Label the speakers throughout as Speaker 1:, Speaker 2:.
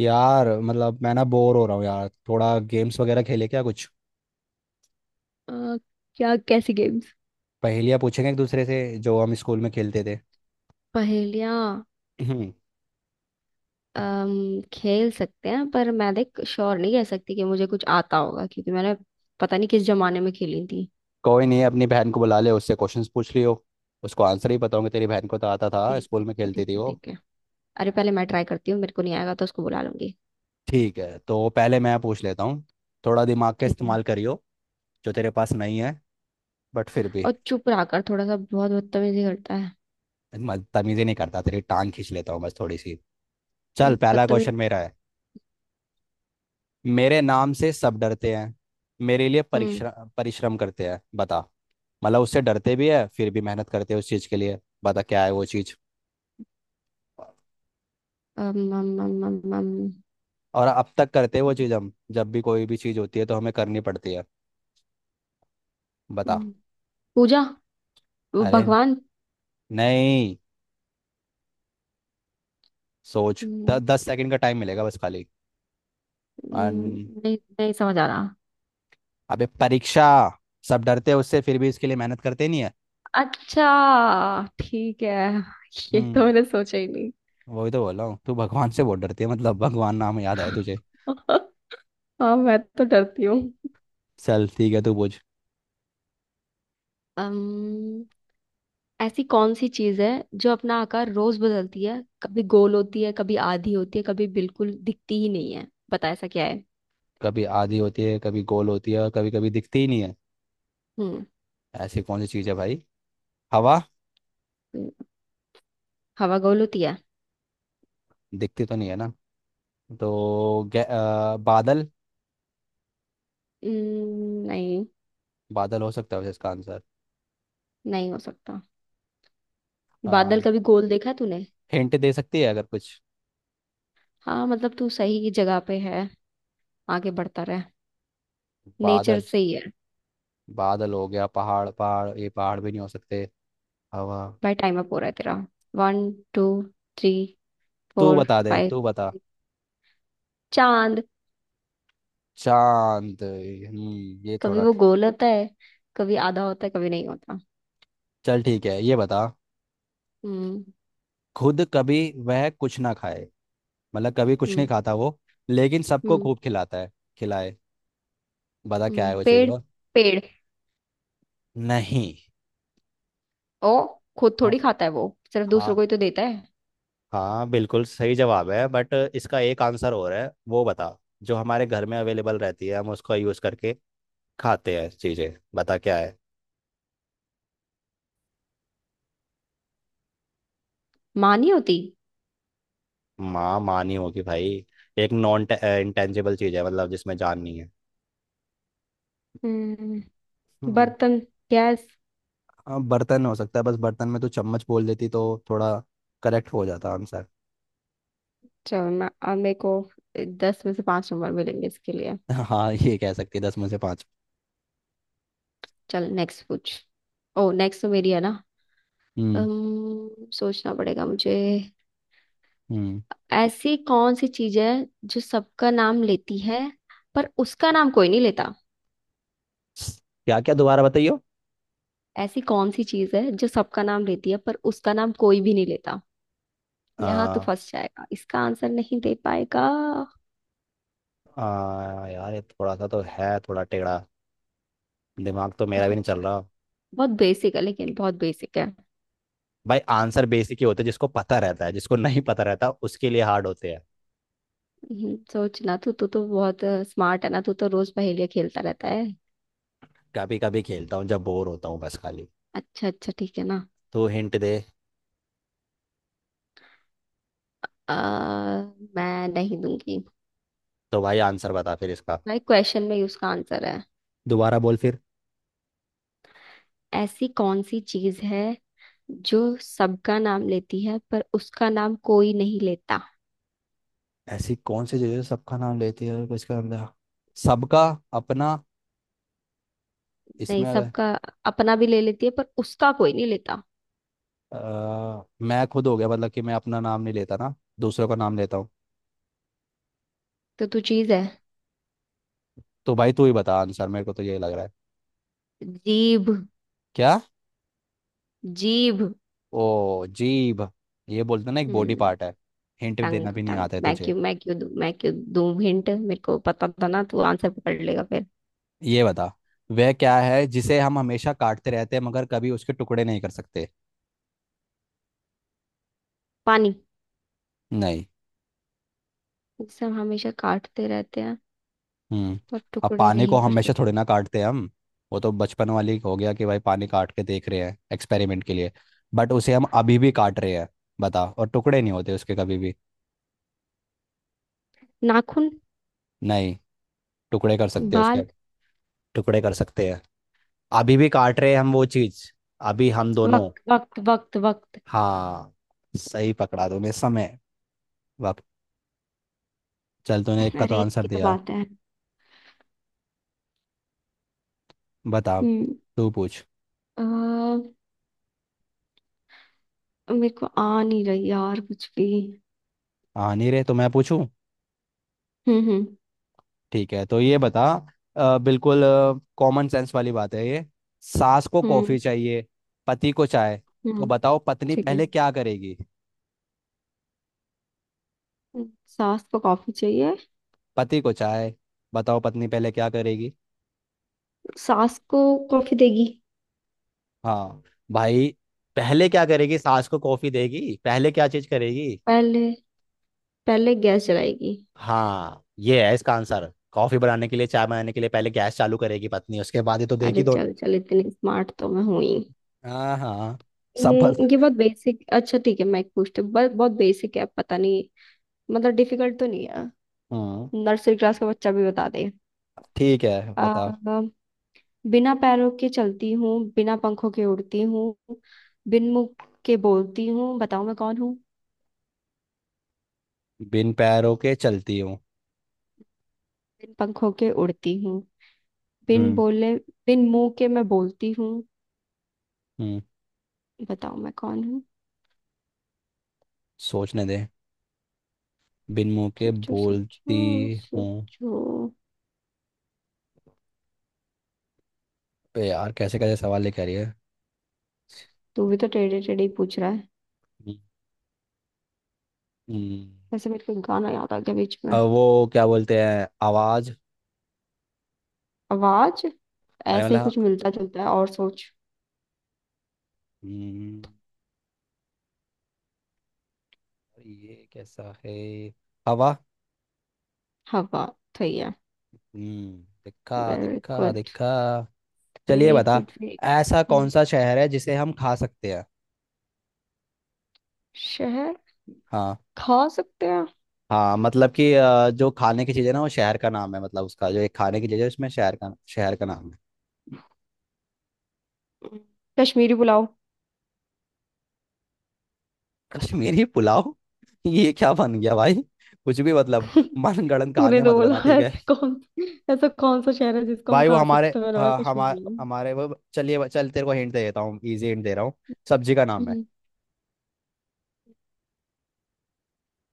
Speaker 1: यार, मतलब मैं ना बोर हो रहा हूँ यार। थोड़ा गेम्स वगैरह खेले क्या? कुछ
Speaker 2: अ, क्या? कैसी गेम्स?
Speaker 1: पहेलियाँ पूछेंगे एक दूसरे से, जो हम स्कूल में खेलते थे।
Speaker 2: पहेलियाँ।
Speaker 1: हम्म।
Speaker 2: खेल सकते हैं, पर मैं देख श्योर नहीं कह सकती कि मुझे कुछ आता होगा, क्योंकि मैंने पता नहीं किस जमाने में खेली थी।
Speaker 1: कोई नहीं, अपनी बहन को बुला ले, उससे क्वेश्चंस पूछ लियो। उसको आंसर ही बताऊंगी, तेरी बहन को तो आता था,
Speaker 2: ठीक
Speaker 1: स्कूल में
Speaker 2: है,
Speaker 1: खेलती
Speaker 2: ठीक
Speaker 1: थी
Speaker 2: है,
Speaker 1: वो।
Speaker 2: ठीक है। अरे, पहले मैं ट्राई करती हूँ, मेरे को नहीं आएगा तो उसको बुला लूंगी।
Speaker 1: ठीक है, तो पहले मैं पूछ लेता हूँ। थोड़ा दिमाग का
Speaker 2: ठीक है।
Speaker 1: इस्तेमाल करियो, जो तेरे पास नहीं है। बट फिर भी।
Speaker 2: और चुप रहा कर थोड़ा सा, बहुत बदतमीजी करता है।
Speaker 1: मैं तमीज़ी नहीं करता, तेरी टांग खींच लेता हूँ बस थोड़ी सी। चल, पहला
Speaker 2: बदतमीज।
Speaker 1: क्वेश्चन मेरा है। मेरे नाम से सब डरते हैं, मेरे लिए
Speaker 2: हम्म।
Speaker 1: परिश्रम परिश्रम करते हैं, बता। मतलब उससे डरते भी है फिर भी मेहनत करते हैं उस चीज़ के लिए। पता क्या है वो चीज़?
Speaker 2: अम, अम, अम, अम, अम,
Speaker 1: और अब तक करते हैं वो चीज़, हम जब भी कोई भी चीज़ होती है तो हमें करनी पड़ती है।
Speaker 2: अम,
Speaker 1: बता।
Speaker 2: पूजा। वो
Speaker 1: अरे,
Speaker 2: भगवान।
Speaker 1: नहीं। सोच
Speaker 2: हम्म,
Speaker 1: 10 सेकंड का टाइम मिलेगा बस खाली। अन,
Speaker 2: नहीं, नहीं समझ आ रहा।
Speaker 1: अबे, परीक्षा। सब डरते हैं उससे, फिर भी इसके लिए मेहनत करते नहीं है।
Speaker 2: अच्छा, ठीक है। ये
Speaker 1: हम्म।
Speaker 2: तो मैंने सोचा ही नहीं।
Speaker 1: वही तो बोल रहा हूँ, तू भगवान से बहुत डरती है, मतलब भगवान नाम याद आया तुझे।
Speaker 2: हाँ, मैं तो डरती हूँ।
Speaker 1: चल ठीक है, तू पूछ।
Speaker 2: अम्म, ऐसी कौन सी चीज है जो अपना आकार रोज बदलती है? कभी गोल होती है, कभी आधी होती है, कभी बिल्कुल दिखती ही नहीं है। बता, ऐसा क्या है?
Speaker 1: कभी आधी होती है, कभी गोल होती है, और कभी कभी दिखती ही नहीं है।
Speaker 2: हम्म।
Speaker 1: ऐसी कौन सी चीज़ है भाई? हवा।
Speaker 2: हम्म, हवा गोल होती है?
Speaker 1: दिखती तो नहीं है ना। तो बादल।
Speaker 2: नहीं।
Speaker 1: बादल हो सकता है वैसे इसका आंसर।
Speaker 2: नहीं हो सकता। बादल कभी गोल देखा है तूने?
Speaker 1: हिंट दे सकती है अगर कुछ।
Speaker 2: हाँ, मतलब तू सही जगह पे है। आगे बढ़ता रहे। नेचर
Speaker 1: बादल।
Speaker 2: से ही है।
Speaker 1: बादल हो गया, पहाड़ पहाड़ ये पहाड़ भी नहीं हो सकते। हवा।
Speaker 2: भाई, टाइम अप हो रहा है तेरा। वन, टू, थ्री,
Speaker 1: तू
Speaker 2: फोर,
Speaker 1: बता दे,
Speaker 2: फाइव।
Speaker 1: तू बता।
Speaker 2: चांद।
Speaker 1: चांद। हम्म, ये
Speaker 2: कभी
Speaker 1: थोड़ा।
Speaker 2: वो गोल होता है, कभी आधा होता है, कभी नहीं होता।
Speaker 1: चल ठीक है, ये बता।
Speaker 2: हम्म
Speaker 1: खुद कभी वह कुछ ना खाए, मतलब कभी कुछ नहीं
Speaker 2: हम्म
Speaker 1: खाता वो, लेकिन सबको
Speaker 2: हम्म
Speaker 1: खूब खिलाता है, खिलाए। बता क्या है वो चीज़
Speaker 2: पेड़,
Speaker 1: और।
Speaker 2: पेड़।
Speaker 1: नहीं।
Speaker 2: ओ। खुद
Speaker 1: हाँ।
Speaker 2: थोड़ी खाता है वो। सिर्फ दूसरों को
Speaker 1: हाँ।
Speaker 2: ही तो देता है।
Speaker 1: हाँ, बिल्कुल सही जवाब है, बट इसका एक आंसर और है, वो बता। जो हमारे घर में अवेलेबल रहती है, हम उसका यूज करके खाते हैं चीजें, बता क्या है।
Speaker 2: माँ नहीं होती।
Speaker 1: माँ, माँ नहीं होगी भाई। एक नॉन इंटेंजिबल चीज है, मतलब जिसमें जान नहीं है।
Speaker 2: हम्म
Speaker 1: हम्म।
Speaker 2: बर्तन। गैस।
Speaker 1: हाँ, बर्तन हो सकता है, बस बर्तन में तो चम्मच बोल देती तो थोड़ा करेक्ट हो जाता आंसर।
Speaker 2: चल, मैं अब मेरे को 10 में से 5 नंबर मिलेंगे इसके लिए।
Speaker 1: हाँ, ये कह सकती है, 10 में से 5।
Speaker 2: चल, नेक्स्ट पूछ। ओ, नेक्स्ट तो मेरी है ना।
Speaker 1: हम्म।
Speaker 2: सोचना पड़ेगा मुझे।
Speaker 1: हम्म।
Speaker 2: ऐसी कौन सी चीज है जो सबका नाम लेती है, पर उसका नाम कोई नहीं लेता?
Speaker 1: क्या क्या दोबारा बताइयो।
Speaker 2: ऐसी कौन सी चीज है जो सबका नाम लेती है, पर उसका नाम कोई भी नहीं लेता? यहाँ तो
Speaker 1: आ,
Speaker 2: फंस जाएगा, इसका आंसर नहीं दे पाएगा।
Speaker 1: आ, यार ये थोड़ा सा तो है, थोड़ा टेढ़ा। दिमाग तो मेरा भी
Speaker 2: बहुत।
Speaker 1: नहीं चल रहा।
Speaker 2: बहुत बेसिक है, लेकिन बहुत बेसिक है।
Speaker 1: भाई, आंसर बेसिक ही होते हैं, जिसको पता रहता है, जिसको नहीं पता रहता उसके लिए हार्ड होते हैं।
Speaker 2: सोचना। तू तू तो बहुत स्मार्ट है ना, तू तो रोज पहेलियाँ खेलता रहता है।
Speaker 1: कभी कभी खेलता हूँ जब बोर होता हूँ बस खाली।
Speaker 2: अच्छा, अच्छा, ठीक है ना।
Speaker 1: तो हिंट दे।
Speaker 2: आ, मैं नहीं दूंगी।
Speaker 1: तो भाई, आंसर बता फिर इसका।
Speaker 2: भाई, क्वेश्चन में ही उसका आंसर है।
Speaker 1: दोबारा बोल फिर।
Speaker 2: ऐसी कौन सी चीज है जो सबका नाम लेती है, पर उसका नाम कोई नहीं लेता?
Speaker 1: ऐसी कौन सी चीज़ है जो सबका नाम लेती है, और किसका नाम लेती है? सबका। अपना।
Speaker 2: नहीं,
Speaker 1: इसमें अगर।
Speaker 2: सबका, अपना भी ले लेती है, पर उसका कोई नहीं लेता।
Speaker 1: मैं खुद हो गया, मतलब कि मैं अपना नाम नहीं लेता ना, दूसरों का नाम लेता हूँ।
Speaker 2: तो तू चीज है?
Speaker 1: तो भाई, तू ही बता आंसर, मेरे को तो यही लग रहा है।
Speaker 2: जीभ।
Speaker 1: क्या?
Speaker 2: जीभ।
Speaker 1: ओ, जीभ। ये बोलते ना, एक बॉडी
Speaker 2: हम्म।
Speaker 1: पार्ट है। हिंट
Speaker 2: टंग,
Speaker 1: देना भी नहीं
Speaker 2: टंग,
Speaker 1: आता है
Speaker 2: मैं
Speaker 1: तुझे।
Speaker 2: क्यों मैं क्यों दूं मैं क्यों दूं हिंट? मेरे को पता था ना तू आंसर पकड़ लेगा फिर।
Speaker 1: ये बता, वह क्या है जिसे हम हमेशा काटते रहते हैं मगर कभी उसके टुकड़े नहीं कर सकते।
Speaker 2: पानी।
Speaker 1: नहीं।
Speaker 2: जिसे हम हमेशा काटते रहते हैं,
Speaker 1: हम्म।
Speaker 2: पर
Speaker 1: अब
Speaker 2: टुकड़े
Speaker 1: पानी को
Speaker 2: नहीं कर
Speaker 1: हमेशा
Speaker 2: सकते।
Speaker 1: थोड़ी ना काटते हैं हम, वो तो बचपन वाली हो गया कि भाई पानी काट के देख रहे हैं एक्सपेरिमेंट के लिए। बट उसे हम अभी भी काट रहे हैं, बता। और टुकड़े नहीं होते उसके कभी भी।
Speaker 2: नाखून।
Speaker 1: नहीं। टुकड़े कर सकते हैं उसके
Speaker 2: बाल।
Speaker 1: हम। टुकड़े कर सकते हैं। अभी भी काट रहे हैं हम वो चीज, अभी हम दोनों।
Speaker 2: वक्त, वक्त, वक्त, वक्त।
Speaker 1: हाँ, सही पकड़ा तूने, समय, वक्त। चल तूने एक का तो
Speaker 2: अरे,
Speaker 1: आंसर
Speaker 2: की तो
Speaker 1: दिया।
Speaker 2: बात है।
Speaker 1: बता अब। तू पूछ।
Speaker 2: हम्म। मेरे को आ नहीं रही यार, कुछ भी।
Speaker 1: आ नहीं रहे तो मैं पूछूं?
Speaker 2: हम्म, हम्म,
Speaker 1: ठीक है, तो ये बता। बिल्कुल कॉमन सेंस वाली बात है ये। सास को
Speaker 2: हम्म,
Speaker 1: कॉफी चाहिए, पति को चाय, तो
Speaker 2: हम्म,
Speaker 1: बताओ पत्नी
Speaker 2: ठीक है।
Speaker 1: पहले क्या करेगी?
Speaker 2: सास को कॉफी चाहिए।
Speaker 1: पति को चाय, बताओ पत्नी पहले क्या करेगी?
Speaker 2: सास को कॉफी देगी।
Speaker 1: हाँ भाई, पहले क्या करेगी, सास को कॉफी देगी, पहले क्या चीज करेगी?
Speaker 2: पहले, पहले गैस जलाएगी।
Speaker 1: हाँ, ये है इसका आंसर, कॉफी बनाने के लिए, चाय बनाने के लिए, पहले गैस चालू करेगी पत्नी, उसके बाद ही तो देगी
Speaker 2: अरे,
Speaker 1: दो।
Speaker 2: चल चल, इतनी स्मार्ट तो मैं हूं ही।
Speaker 1: हाँ हाँ।
Speaker 2: हम्म।
Speaker 1: सब बस-।
Speaker 2: ये बहुत बेसिक। अच्छा, ठीक है, मैं एक पूछती हूँ, बहुत, बहुत बेसिक है, पता नहीं। मतलब डिफिकल्ट तो नहीं है।
Speaker 1: हम्म।
Speaker 2: नर्सरी क्लास का बच्चा भी बता दे।
Speaker 1: ठीक है,
Speaker 2: आ,
Speaker 1: बता।
Speaker 2: बिना पैरों के चलती हूँ। बिना पंखों के उड़ती हूँ। बिन मुंह के बोलती हूँ, बताओ मैं कौन हूँ?
Speaker 1: बिन पैरों के चलती हूँ।
Speaker 2: बिन पंखों के उड़ती हूँ, बिन
Speaker 1: हम्म।
Speaker 2: बोले, बिन मुंह के मैं बोलती हूँ,
Speaker 1: हम्म।
Speaker 2: बताओ मैं कौन हूँ?
Speaker 1: सोचने दे। बिन मुंह के
Speaker 2: सोचो, सोचो,
Speaker 1: बोलती हूँ।
Speaker 2: सोचो।
Speaker 1: बे यार, कैसे कैसे सवाल लेके आ रही है।
Speaker 2: तू भी तो टेढ़े टेढ़े ही पूछ रहा है।
Speaker 1: हम्म। हम्म।
Speaker 2: वैसे मेरे को गाना याद आ गया बीच में।
Speaker 1: वो क्या बोलते हैं, आवाज।
Speaker 2: आवाज।
Speaker 1: अरे,
Speaker 2: ऐसे ही
Speaker 1: मतलब।
Speaker 2: कुछ मिलता जुलता है, और सोच।
Speaker 1: हम्म, ये कैसा है? हवा।
Speaker 2: हवा। सही है।
Speaker 1: हम्म, दिखा
Speaker 2: वेरी
Speaker 1: दिखा
Speaker 2: गुड,
Speaker 1: दिखा। चलिए
Speaker 2: वेरी
Speaker 1: बता।
Speaker 2: Good, very.
Speaker 1: ऐसा कौन सा शहर है जिसे हम खा सकते हैं?
Speaker 2: शहर?
Speaker 1: हाँ।
Speaker 2: खा सकते हैं?
Speaker 1: हाँ, मतलब कि जो खाने की चीज़ है ना वो शहर का नाम है, मतलब उसका जो एक खाने की चीज़ है उसमें शहर का नाम है।
Speaker 2: हम्म, कश्मीरी पुलाव।
Speaker 1: कश्मीरी पुलाव? ये क्या बन गया भाई, कुछ भी मतलब। मनगढ़ंत
Speaker 2: तूने
Speaker 1: कहानियां
Speaker 2: तो
Speaker 1: मत
Speaker 2: बोला,
Speaker 1: बना, ठीक है।
Speaker 2: ऐसे कौन। ऐसा कौन सा शहर है जिसको हम
Speaker 1: भाई वो
Speaker 2: खा
Speaker 1: हमारे,
Speaker 2: सकते हैं, मैंने बोला
Speaker 1: हाँ,
Speaker 2: कश्मीर।
Speaker 1: हमारे वो। चलिए, चल तेरे को हिंट दे देता हूँ, इजी हिंट दे रहा हूँ। सब्जी का नाम है।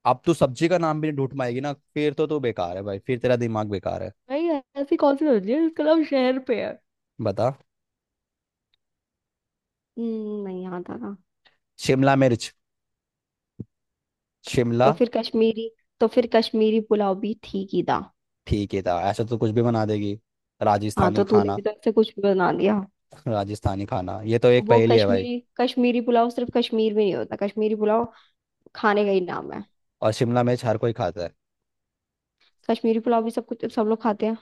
Speaker 1: अब तू सब्जी का नाम भी नहीं ढूंढ पाएगी ना, फिर तो तू बेकार है भाई, फिर तेरा दिमाग बेकार है।
Speaker 2: भाई। ऐसी कौन सी सब्जी है जिसका नाम शहर पे है?
Speaker 1: बता।
Speaker 2: नहीं याद आ रहा।
Speaker 1: शिमला मिर्च। शिमला।
Speaker 2: तो फिर कश्मीरी। तो फिर कश्मीरी पुलाव भी थी कीदा।
Speaker 1: ठीक है था, ऐसा तो कुछ भी बना देगी।
Speaker 2: हाँ,
Speaker 1: राजस्थानी
Speaker 2: तो तूने
Speaker 1: खाना।
Speaker 2: भी तो ऐसे कुछ भी बना दिया।
Speaker 1: राजस्थानी खाना, ये तो एक
Speaker 2: वो
Speaker 1: पहेली है भाई।
Speaker 2: कश्मीरी, कश्मीरी पुलाव सिर्फ कश्मीर में नहीं होता, कश्मीरी पुलाव खाने का ही नाम है।
Speaker 1: और शिमला मिर्च हर कोई खाता है।
Speaker 2: कश्मीरी पुलाव भी, सब कुछ सब लोग खाते हैं।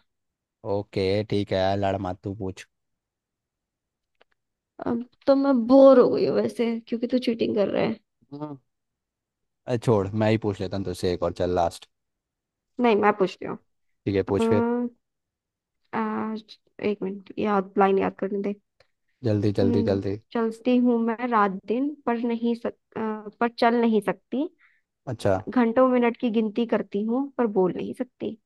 Speaker 1: ओके ठीक है, लड़ मत, तू पूछ।
Speaker 2: अब तो मैं बोर हो गई हूँ वैसे, क्योंकि तू चीटिंग कर रहा है।
Speaker 1: अरे छोड़, मैं ही पूछ लेता हूँ तुझसे एक और, चल लास्ट।
Speaker 2: नहीं, मैं पूछती हूँ।
Speaker 1: ठीक है, पूछ फिर।
Speaker 2: अम्म, आज- एक मिनट, याद लाइन याद करने दे।
Speaker 1: जल्दी जल्दी
Speaker 2: हम्म।
Speaker 1: जल्दी।
Speaker 2: चलती हूँ मैं रात दिन, पर चल नहीं सकती।
Speaker 1: अच्छा।
Speaker 2: घंटों मिनट की गिनती करती हूँ, पर बोल नहीं सकती।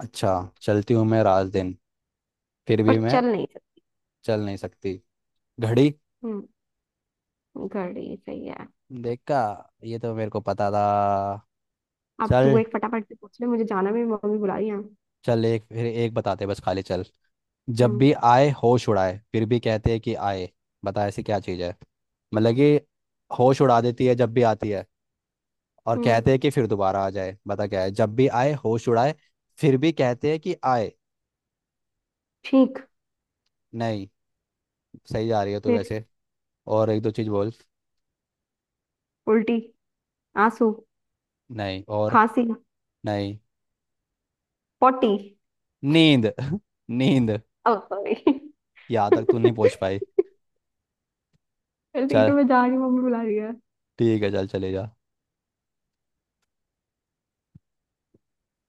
Speaker 1: अच्छा। चलती हूँ मैं रात दिन, फिर
Speaker 2: पर
Speaker 1: भी मैं
Speaker 2: चल नहीं सकती।
Speaker 1: चल नहीं सकती। घड़ी।
Speaker 2: हम्म। घड़ी सही है।
Speaker 1: देखा, ये तो मेरे को पता था।
Speaker 2: अब तू
Speaker 1: चल।
Speaker 2: एक फटाफट से पूछ ले, मुझे जाना, मेरी मम्मी बुला रही है।
Speaker 1: चल एक फिर, एक बताते बस खाली, चल। जब
Speaker 2: हम्म।
Speaker 1: भी आए होश उड़ाए, फिर भी कहते हैं कि आए। बता ऐसी क्या चीज़ है, मतलब कि होश उड़ा देती है जब भी आती है, और कहते
Speaker 2: हम्म।
Speaker 1: हैं कि फिर दोबारा आ जाए, बता क्या है। जब भी आए होश उड़ाए, फिर भी कहते हैं कि आए।
Speaker 2: ठीक।
Speaker 1: नहीं। सही जा रही है तू
Speaker 2: फिर।
Speaker 1: वैसे। और एक दो चीज बोल।
Speaker 2: उल्टी। आंसू।
Speaker 1: नहीं और।
Speaker 2: खांसी।
Speaker 1: नहीं।
Speaker 2: पोटी।
Speaker 1: नींद। नींद।
Speaker 2: ओ, सॉरी।
Speaker 1: यहाँ तक तू नहीं पहुंच पाई।
Speaker 2: चल ठीक
Speaker 1: चल
Speaker 2: है, मैं जा रही हूँ, मम्मी बुला रही है।
Speaker 1: ठीक है, चल चले जा।